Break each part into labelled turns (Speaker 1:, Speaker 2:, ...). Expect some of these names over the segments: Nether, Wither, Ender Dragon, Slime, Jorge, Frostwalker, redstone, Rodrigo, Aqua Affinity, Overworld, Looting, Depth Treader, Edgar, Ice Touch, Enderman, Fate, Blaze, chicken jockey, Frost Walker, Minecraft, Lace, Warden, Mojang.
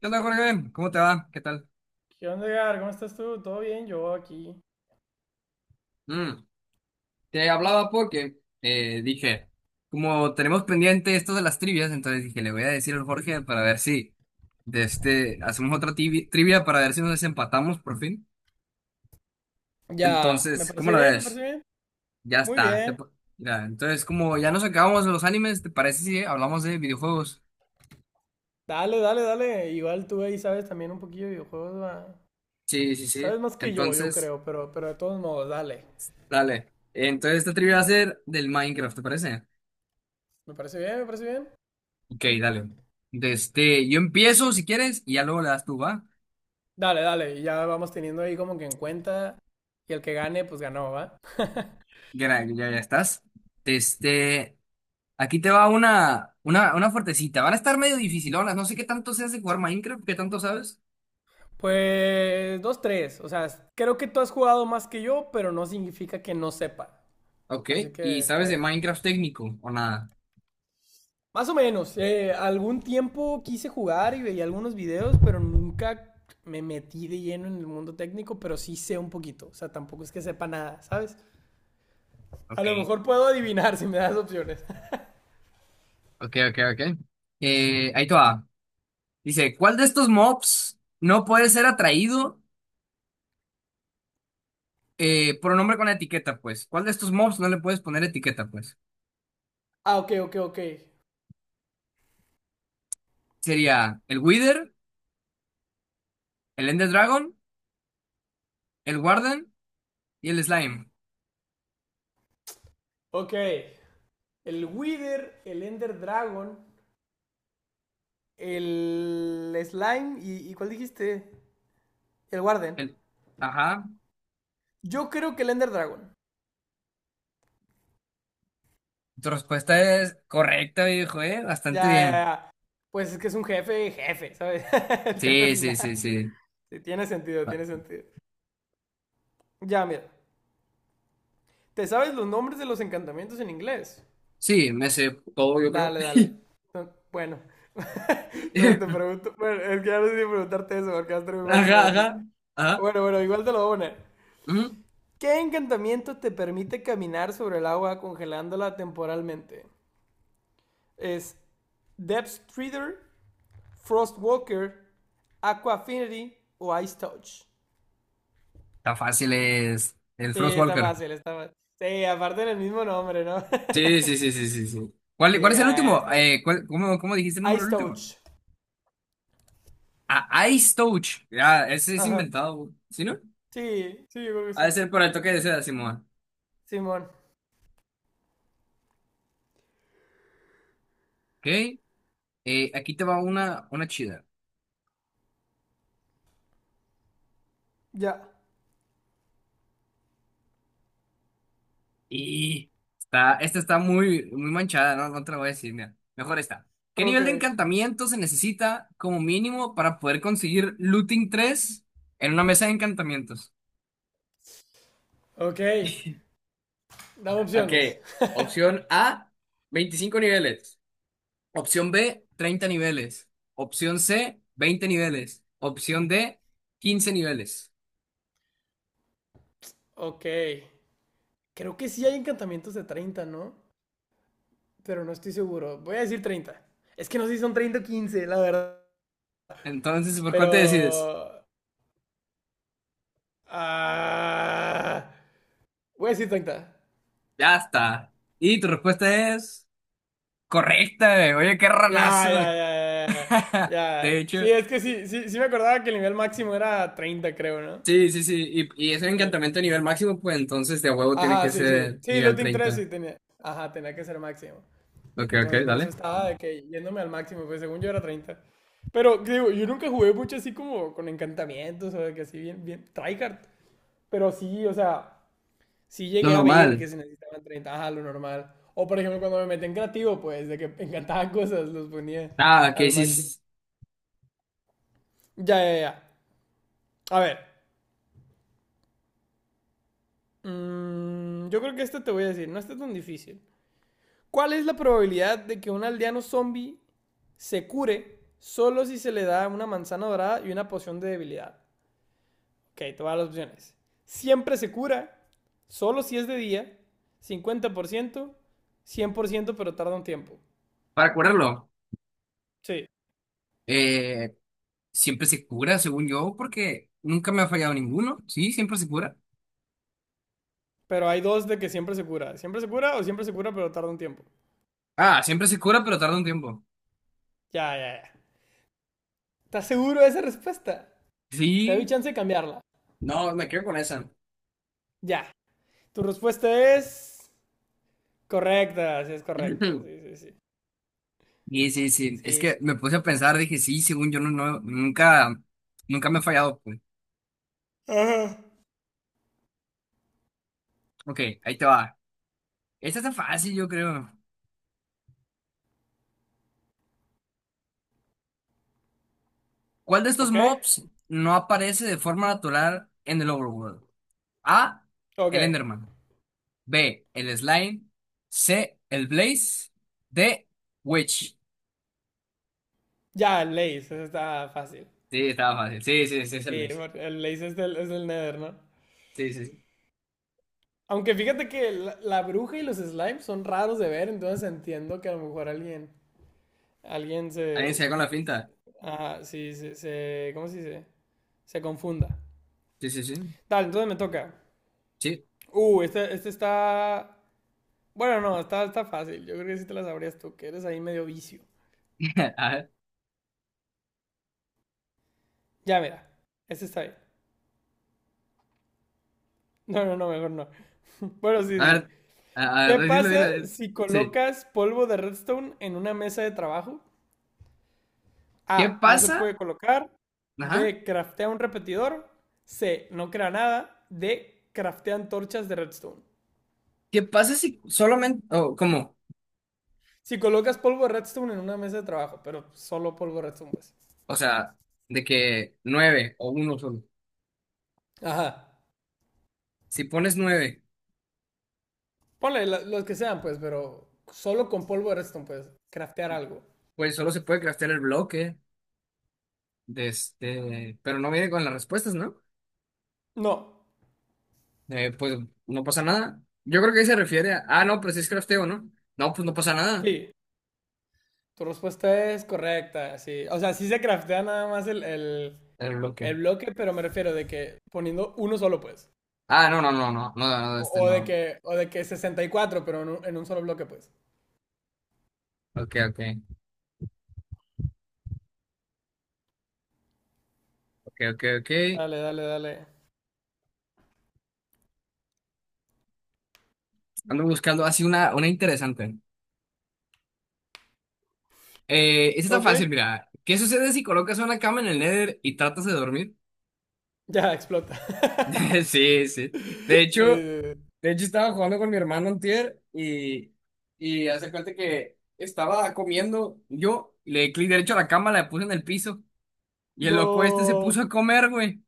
Speaker 1: ¿Qué onda, Jorge? ¿Cómo te va? ¿Qué tal?
Speaker 2: ¿Qué onda, Edgar? ¿Cómo estás tú? ¿Todo bien? Yo aquí.
Speaker 1: Mm, te hablaba porque dije, como tenemos pendiente esto de las trivias, entonces dije, le voy a decir al Jorge para ver si hacemos otra trivia para ver si nos desempatamos por fin.
Speaker 2: Ya, me
Speaker 1: Entonces, ¿cómo
Speaker 2: parece
Speaker 1: la
Speaker 2: bien, me
Speaker 1: ves?
Speaker 2: parece bien.
Speaker 1: Ya
Speaker 2: Muy
Speaker 1: está. te
Speaker 2: bien.
Speaker 1: pa- mira, entonces, como ya nos acabamos los animes, ¿te parece si hablamos de videojuegos?
Speaker 2: Dale, dale, dale. Igual tú ahí sabes también un poquillo de videojuegos, va.
Speaker 1: Sí, sí,
Speaker 2: Sabes
Speaker 1: sí.
Speaker 2: más que yo
Speaker 1: Entonces,
Speaker 2: creo, pero de todos modos, dale.
Speaker 1: dale. Entonces, esta trivia va a ser del Minecraft, ¿te parece?
Speaker 2: Me parece bien, me parece bien.
Speaker 1: Ok, dale. Yo empiezo si quieres y ya luego le das tú, ¿va?
Speaker 2: Dale, dale. Y ya vamos teniendo ahí como que en cuenta. Y el que gane, pues ganó, ¿va?
Speaker 1: Ya, ya, ya estás. Este, aquí te va una fuertecita. Van a estar medio dificilonas. No sé qué tanto seas de jugar Minecraft, qué tanto sabes.
Speaker 2: Pues dos, tres. O sea, creo que tú has jugado más que yo, pero no significa que no sepa.
Speaker 1: Ok,
Speaker 2: Así que
Speaker 1: ¿y
Speaker 2: está
Speaker 1: sabes de
Speaker 2: bien.
Speaker 1: Minecraft técnico o nada?
Speaker 2: Más o menos. Algún tiempo quise jugar y veía algunos videos, pero nunca me metí de lleno en el mundo técnico, pero sí sé un poquito. O sea, tampoco es que sepa nada, ¿sabes? A
Speaker 1: Ok,
Speaker 2: lo mejor puedo adivinar si me das opciones.
Speaker 1: ok, ok, ok. Ahí te va. Dice, ¿cuál de estos mobs no puede ser atraído por un nombre con etiqueta, pues? ¿Cuál de estos mobs no le puedes poner etiqueta, pues?
Speaker 2: Ah, ok, ok, ok.
Speaker 1: Sería el Wither, el Ender Dragon, el Warden. Y el slime.
Speaker 2: Ok. El Wither, el Ender Dragon, el Slime y ¿cuál dijiste? El Warden.
Speaker 1: El... Ajá.
Speaker 2: Yo creo que el Ender Dragon.
Speaker 1: Tu respuesta es correcta, viejo, ¿eh?
Speaker 2: Ya,
Speaker 1: Bastante
Speaker 2: ya,
Speaker 1: bien.
Speaker 2: ya. Pues es que es un jefe, jefe, ¿sabes? El jefe
Speaker 1: Sí, sí, sí,
Speaker 2: final.
Speaker 1: sí.
Speaker 2: Sí, tiene sentido,
Speaker 1: Ah,
Speaker 2: tiene sentido. Ya, mira. ¿Te sabes los nombres de los encantamientos en inglés?
Speaker 1: sí, me sé todo, yo creo.
Speaker 2: Dale, dale. No, bueno, entonces te pregunto. Bueno, es que ya no sé si preguntarte eso porque va a estar muy fácil
Speaker 1: Ajá,
Speaker 2: para ti.
Speaker 1: ajá. Ajá.
Speaker 2: Bueno, bueno, igual te lo voy a poner.
Speaker 1: Ujú.
Speaker 2: ¿Qué encantamiento te permite caminar sobre el agua congelándola temporalmente? ¿Es Depth Treader, Frost Walker, Aqua Affinity o Ice Touch?
Speaker 1: Tan fácil es el
Speaker 2: Sí, está
Speaker 1: Frostwalker.
Speaker 2: fácil, está fácil. Sí, aparte del mismo nombre, ¿no?
Speaker 1: Sí, sí, sí, sí, sí, sí. ¿Cuál,
Speaker 2: Sí,
Speaker 1: cuál es
Speaker 2: ya,
Speaker 1: el
Speaker 2: ya,
Speaker 1: último?
Speaker 2: está bien.
Speaker 1: ¿Cómo dijiste el nombre
Speaker 2: Ice
Speaker 1: del último?
Speaker 2: Touch.
Speaker 1: Ah, Ice Touch. Ya, ese es
Speaker 2: Ajá.
Speaker 1: inventado, ¿sí no?
Speaker 2: Sí, sí, yo creo que
Speaker 1: Ha
Speaker 2: sí.
Speaker 1: de ser por el toque de seda, Simón.
Speaker 2: Simón.
Speaker 1: Ok. Aquí te va una chida.
Speaker 2: Ya.
Speaker 1: Y esta está muy, muy manchada, ¿no? No te la voy a decir, mira. Mejor esta. ¿Qué
Speaker 2: Ok.
Speaker 1: nivel de encantamiento se necesita como mínimo para poder conseguir Looting tres en una mesa de encantamientos?
Speaker 2: Ok. Dame
Speaker 1: Ok,
Speaker 2: opciones.
Speaker 1: opción A, 25 niveles. Opción B, 30 niveles. Opción C, 20 niveles. Opción D, 15 niveles.
Speaker 2: Ok. Creo que sí hay encantamientos de 30, ¿no? Pero no estoy seguro. Voy a decir 30. Es que no sé si son 30 o 15, la verdad.
Speaker 1: Entonces, ¿por cuál
Speaker 2: Pero...
Speaker 1: te decides?
Speaker 2: Ah, voy a decir 30.
Speaker 1: Ya está. Y tu respuesta es correcta, güey. Oye, qué
Speaker 2: Ya,
Speaker 1: ranazo,
Speaker 2: ya,
Speaker 1: güey.
Speaker 2: ya, ya, ya.
Speaker 1: De
Speaker 2: Ya. Sí,
Speaker 1: hecho.
Speaker 2: es que sí, sí, sí me acordaba que el nivel máximo era 30, creo, ¿no?
Speaker 1: Sí, sí, sí. Y es un
Speaker 2: Sí.
Speaker 1: encantamiento a nivel máximo, pues entonces de huevo tiene
Speaker 2: Ajá,
Speaker 1: que
Speaker 2: sí, sí.
Speaker 1: ser
Speaker 2: Sí,
Speaker 1: nivel
Speaker 2: looting 3
Speaker 1: 30.
Speaker 2: sí tenía. Ajá, tenía que ser máximo.
Speaker 1: Ok,
Speaker 2: Entonces
Speaker 1: ok,
Speaker 2: por eso
Speaker 1: dale.
Speaker 2: estaba de que yéndome al máximo, pues según yo era treinta. Pero digo, yo nunca jugué mucho así como con encantamientos o de que así bien, bien, tryhard. Pero sí, o sea, sí
Speaker 1: Lo
Speaker 2: llegué a ver
Speaker 1: normal.
Speaker 2: que se necesitaban treinta, ajá, lo normal. O por ejemplo, cuando me metí en creativo, pues de que me encantaban cosas, los ponía
Speaker 1: Ah, que
Speaker 2: al
Speaker 1: sí, sí,
Speaker 2: máximo.
Speaker 1: sí.
Speaker 2: Ya, ya, ya. A ver. Yo creo que este te voy a decir, no está tan difícil. ¿Cuál es la probabilidad de que un aldeano zombie se cure solo si se le da una manzana dorada y una poción de debilidad? Ok, todas las opciones. Siempre se cura, solo si es de día, cincuenta por ciento. Cien por ciento, pero tarda un tiempo.
Speaker 1: Para curarlo.
Speaker 2: Sí.
Speaker 1: Eh, siempre se cura, según yo, porque nunca me ha fallado ninguno. Sí, siempre se cura.
Speaker 2: Pero hay dos de que siempre se cura. Siempre se cura o siempre se cura, pero tarda un tiempo.
Speaker 1: Ah, siempre se cura, pero tarda un tiempo.
Speaker 2: Ya, ya, ya. ¿Estás seguro de esa respuesta? Te doy
Speaker 1: Sí.
Speaker 2: chance de cambiarla.
Speaker 1: No, me quedo con esa.
Speaker 2: Ya. Tu respuesta es correcta. Sí, sí, sí.
Speaker 1: Sí, sí, sí. Es
Speaker 2: Sí, sí.
Speaker 1: que me puse a pensar, dije, sí, según yo, no, no, nunca, nunca me ha fallado, pues.
Speaker 2: Ajá.
Speaker 1: Ok, ahí te va. Esta está fácil, yo creo. ¿Cuál de estos
Speaker 2: ¿Ok?
Speaker 1: mobs no aparece de forma natural en el Overworld? A.
Speaker 2: Ok.
Speaker 1: El Enderman. B. El Slime. C. El Blaze. D. Witch.
Speaker 2: Ya, el Lace, eso está fácil.
Speaker 1: Sí, estaba fácil. Sí, sí, sí, es el
Speaker 2: Sí,
Speaker 1: Blaze.
Speaker 2: porque el Lace es del Nether, ¿no?
Speaker 1: Sí, sí, sí.
Speaker 2: Aunque fíjate que la bruja y los slimes son raros de ver, entonces entiendo que a lo mejor alguien, alguien
Speaker 1: ¿Alguien se
Speaker 2: se,
Speaker 1: da con la finta?
Speaker 2: ajá, sí, se- ¿cómo se dice? Se confunda.
Speaker 1: Sí, sí, sí.
Speaker 2: Dale, entonces me toca.
Speaker 1: Sí.
Speaker 2: Este está, bueno, no, está fácil. Yo creo que sí te la sabrías tú, que eres ahí medio vicio.
Speaker 1: A ver,
Speaker 2: Ya, mira, este está bien. No, no, no, mejor no. Bueno, sí,
Speaker 1: a
Speaker 2: sí, sí.
Speaker 1: ver, a a
Speaker 2: ¿Qué
Speaker 1: ver, dilo,
Speaker 2: pasa
Speaker 1: dilo. Dilo.
Speaker 2: si
Speaker 1: Sí.
Speaker 2: colocas polvo de redstone en una mesa de trabajo?
Speaker 1: ¿Qué
Speaker 2: A. No se puede
Speaker 1: pasa?
Speaker 2: colocar.
Speaker 1: Ajá.
Speaker 2: B. Craftea un repetidor. C. No crea nada. D. Craftea antorchas de redstone.
Speaker 1: ¿Qué pasa si solamente, o cómo?
Speaker 2: Si colocas polvo de redstone en una mesa de trabajo, pero solo polvo de redstone, pues.
Speaker 1: O sea, de que nueve o uno solo.
Speaker 2: Ajá.
Speaker 1: Si pones nueve,
Speaker 2: Ponle la- los que sean, pues, pero solo con polvo de redstone, pues. Craftear algo.
Speaker 1: pues solo se puede craftear el bloque. Pero no viene con las respuestas, ¿no?
Speaker 2: No.
Speaker 1: Pues no pasa nada. Yo creo que ahí se refiere a, ah, no, pues es crafteo, ¿no? No, pues no pasa nada.
Speaker 2: Sí. Tu respuesta es correcta. Sí. O sea, sí se craftea nada más
Speaker 1: El
Speaker 2: el
Speaker 1: bloque.
Speaker 2: bloque, pero me refiero de que poniendo uno solo, pues.
Speaker 1: Ah, no, no, no, no, no, no,
Speaker 2: O,
Speaker 1: este
Speaker 2: o de
Speaker 1: no.
Speaker 2: que, o de que 64, pero en un solo bloque, pues.
Speaker 1: Ok, ok, ok, ok, ok.
Speaker 2: Dale, dale, dale.
Speaker 1: Ando buscando así una interesante. Esta está
Speaker 2: Ok.
Speaker 1: fácil, mira. ¿Qué sucede si colocas una cama en el Nether y tratas de dormir?
Speaker 2: Ya, explota.
Speaker 1: Sí, sí.
Speaker 2: Sí,
Speaker 1: De hecho,
Speaker 2: sí, sí.
Speaker 1: Estaba jugando con mi hermano antier y hace cuenta que estaba comiendo. Yo le di clic derecho a la cama, la puse en el piso. Y el loco este se
Speaker 2: Do.
Speaker 1: puso a comer, güey.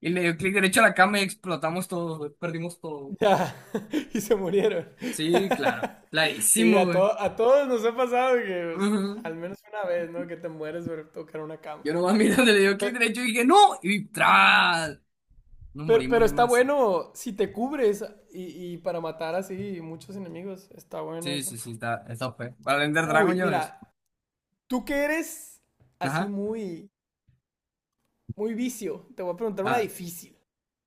Speaker 1: Y le dio clic derecho a la cama y explotamos todo, güey. Perdimos todo.
Speaker 2: Ya. Y se murieron.
Speaker 1: Sí, claro.
Speaker 2: Sí,
Speaker 1: Clarísimo,
Speaker 2: a,
Speaker 1: güey.
Speaker 2: to- a todos nos ha pasado que pues,
Speaker 1: Ujú.
Speaker 2: al menos una vez, ¿no? Que te mueres por tocar una cama.
Speaker 1: Yo nomás mirando, le dio clic
Speaker 2: Pe-
Speaker 1: derecho y dije, ¡no! Y ¡tras! Nos morimos
Speaker 2: Pero,
Speaker 1: bien
Speaker 2: está
Speaker 1: más.
Speaker 2: bueno si te cubres y para matar así muchos enemigos. Está bueno
Speaker 1: Sí,
Speaker 2: eso.
Speaker 1: sí, sí, está fue. Para Ender Dragon,
Speaker 2: Uy,
Speaker 1: ya ves.
Speaker 2: mira, tú que eres así
Speaker 1: Ajá.
Speaker 2: muy, muy vicio, te voy a preguntar una
Speaker 1: Ah,
Speaker 2: difícil.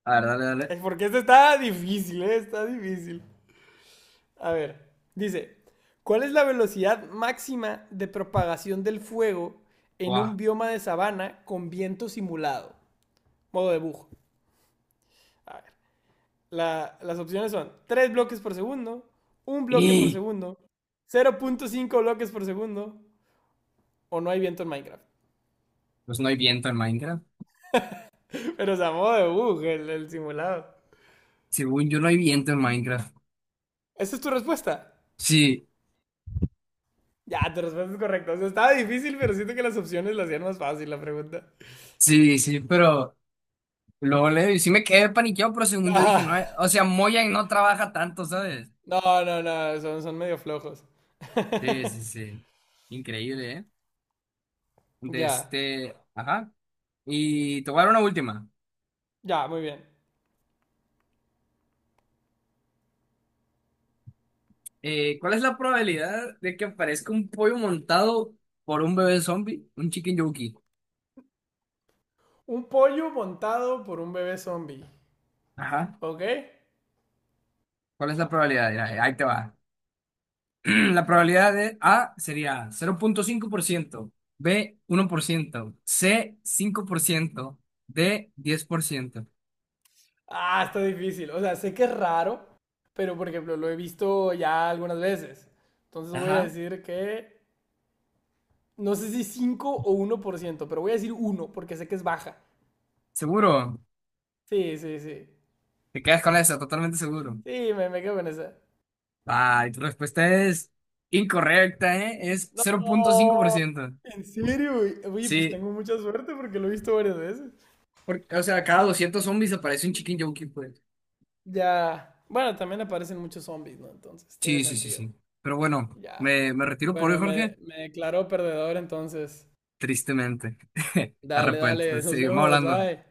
Speaker 1: a ver, dale, dale.
Speaker 2: Es porque esta está difícil, ¿eh? Está difícil. A ver, dice, ¿cuál es la velocidad máxima de propagación del fuego en
Speaker 1: ¡Guau!
Speaker 2: un bioma de sabana con viento simulado? Modo de bujo. A ver, la- las opciones son 3 bloques por segundo, un bloque por
Speaker 1: ¡Y!
Speaker 2: segundo, cero punto cinco bloques por segundo o no hay viento en Minecraft.
Speaker 1: Pues no hay viento en Minecraft.
Speaker 2: Pero, o sea, modo de bug, el simulado.
Speaker 1: Según yo no hay viento en Minecraft.
Speaker 2: ¿Esa es tu respuesta?
Speaker 1: Sí,
Speaker 2: Ya, tu respuesta es correcta. O sea, estaba difícil, pero siento que las opciones la hacían más fácil la pregunta.
Speaker 1: sí, sí, pero luego le y sí me quedé paniqueado, pero según yo dije, no,
Speaker 2: Ah,
Speaker 1: o sea, Mojang no trabaja tanto, ¿sabes?
Speaker 2: no, no, no, son medio flojos.
Speaker 1: Sí, sí, sí. Increíble, ¿eh? De
Speaker 2: Ya,
Speaker 1: este, ajá. Y te voy a dar una última.
Speaker 2: ya, muy bien.
Speaker 1: ¿Cuál es la probabilidad de que aparezca un pollo montado por un bebé zombie, un chicken yogi?
Speaker 2: Un pollo montado por un bebé zombie.
Speaker 1: Ajá.
Speaker 2: ¿Ok?
Speaker 1: ¿Cuál es la probabilidad? Mira, ahí te va. La probabilidad de A sería 0.5%, B 1%, C 5%, D 10%.
Speaker 2: Ah, está difícil. O sea, sé que es raro, pero por ejemplo, lo he visto ya algunas veces. Entonces voy a
Speaker 1: Ajá,
Speaker 2: decir que. No sé si 5 o uno por ciento, pero voy a decir uno porque sé que es baja.
Speaker 1: seguro.
Speaker 2: Sí, sí, sí.
Speaker 1: Te quedas con esa, totalmente seguro.
Speaker 2: Sí, me quedo con esa.
Speaker 1: Ay, tu respuesta es incorrecta, ¿eh? Es
Speaker 2: No,
Speaker 1: 0.5%.
Speaker 2: ¿en serio, güey? Oye, pues
Speaker 1: Sí,
Speaker 2: tengo mucha suerte porque lo he visto varias veces.
Speaker 1: porque, o sea, cada 200 zombies aparece un chicken jockey, pues.
Speaker 2: Ya, bueno, también aparecen muchos zombies, ¿no? Entonces, tiene
Speaker 1: Sí, sí, sí,
Speaker 2: sentido.
Speaker 1: sí. Pero bueno,
Speaker 2: Ya.
Speaker 1: me retiro por hoy,
Speaker 2: Bueno,
Speaker 1: Jorge.
Speaker 2: me declaró perdedor, entonces.
Speaker 1: Tristemente.
Speaker 2: Dale,
Speaker 1: Arrepiento.
Speaker 2: dale, nos
Speaker 1: Seguimos
Speaker 2: vemos,
Speaker 1: hablando.
Speaker 2: bye.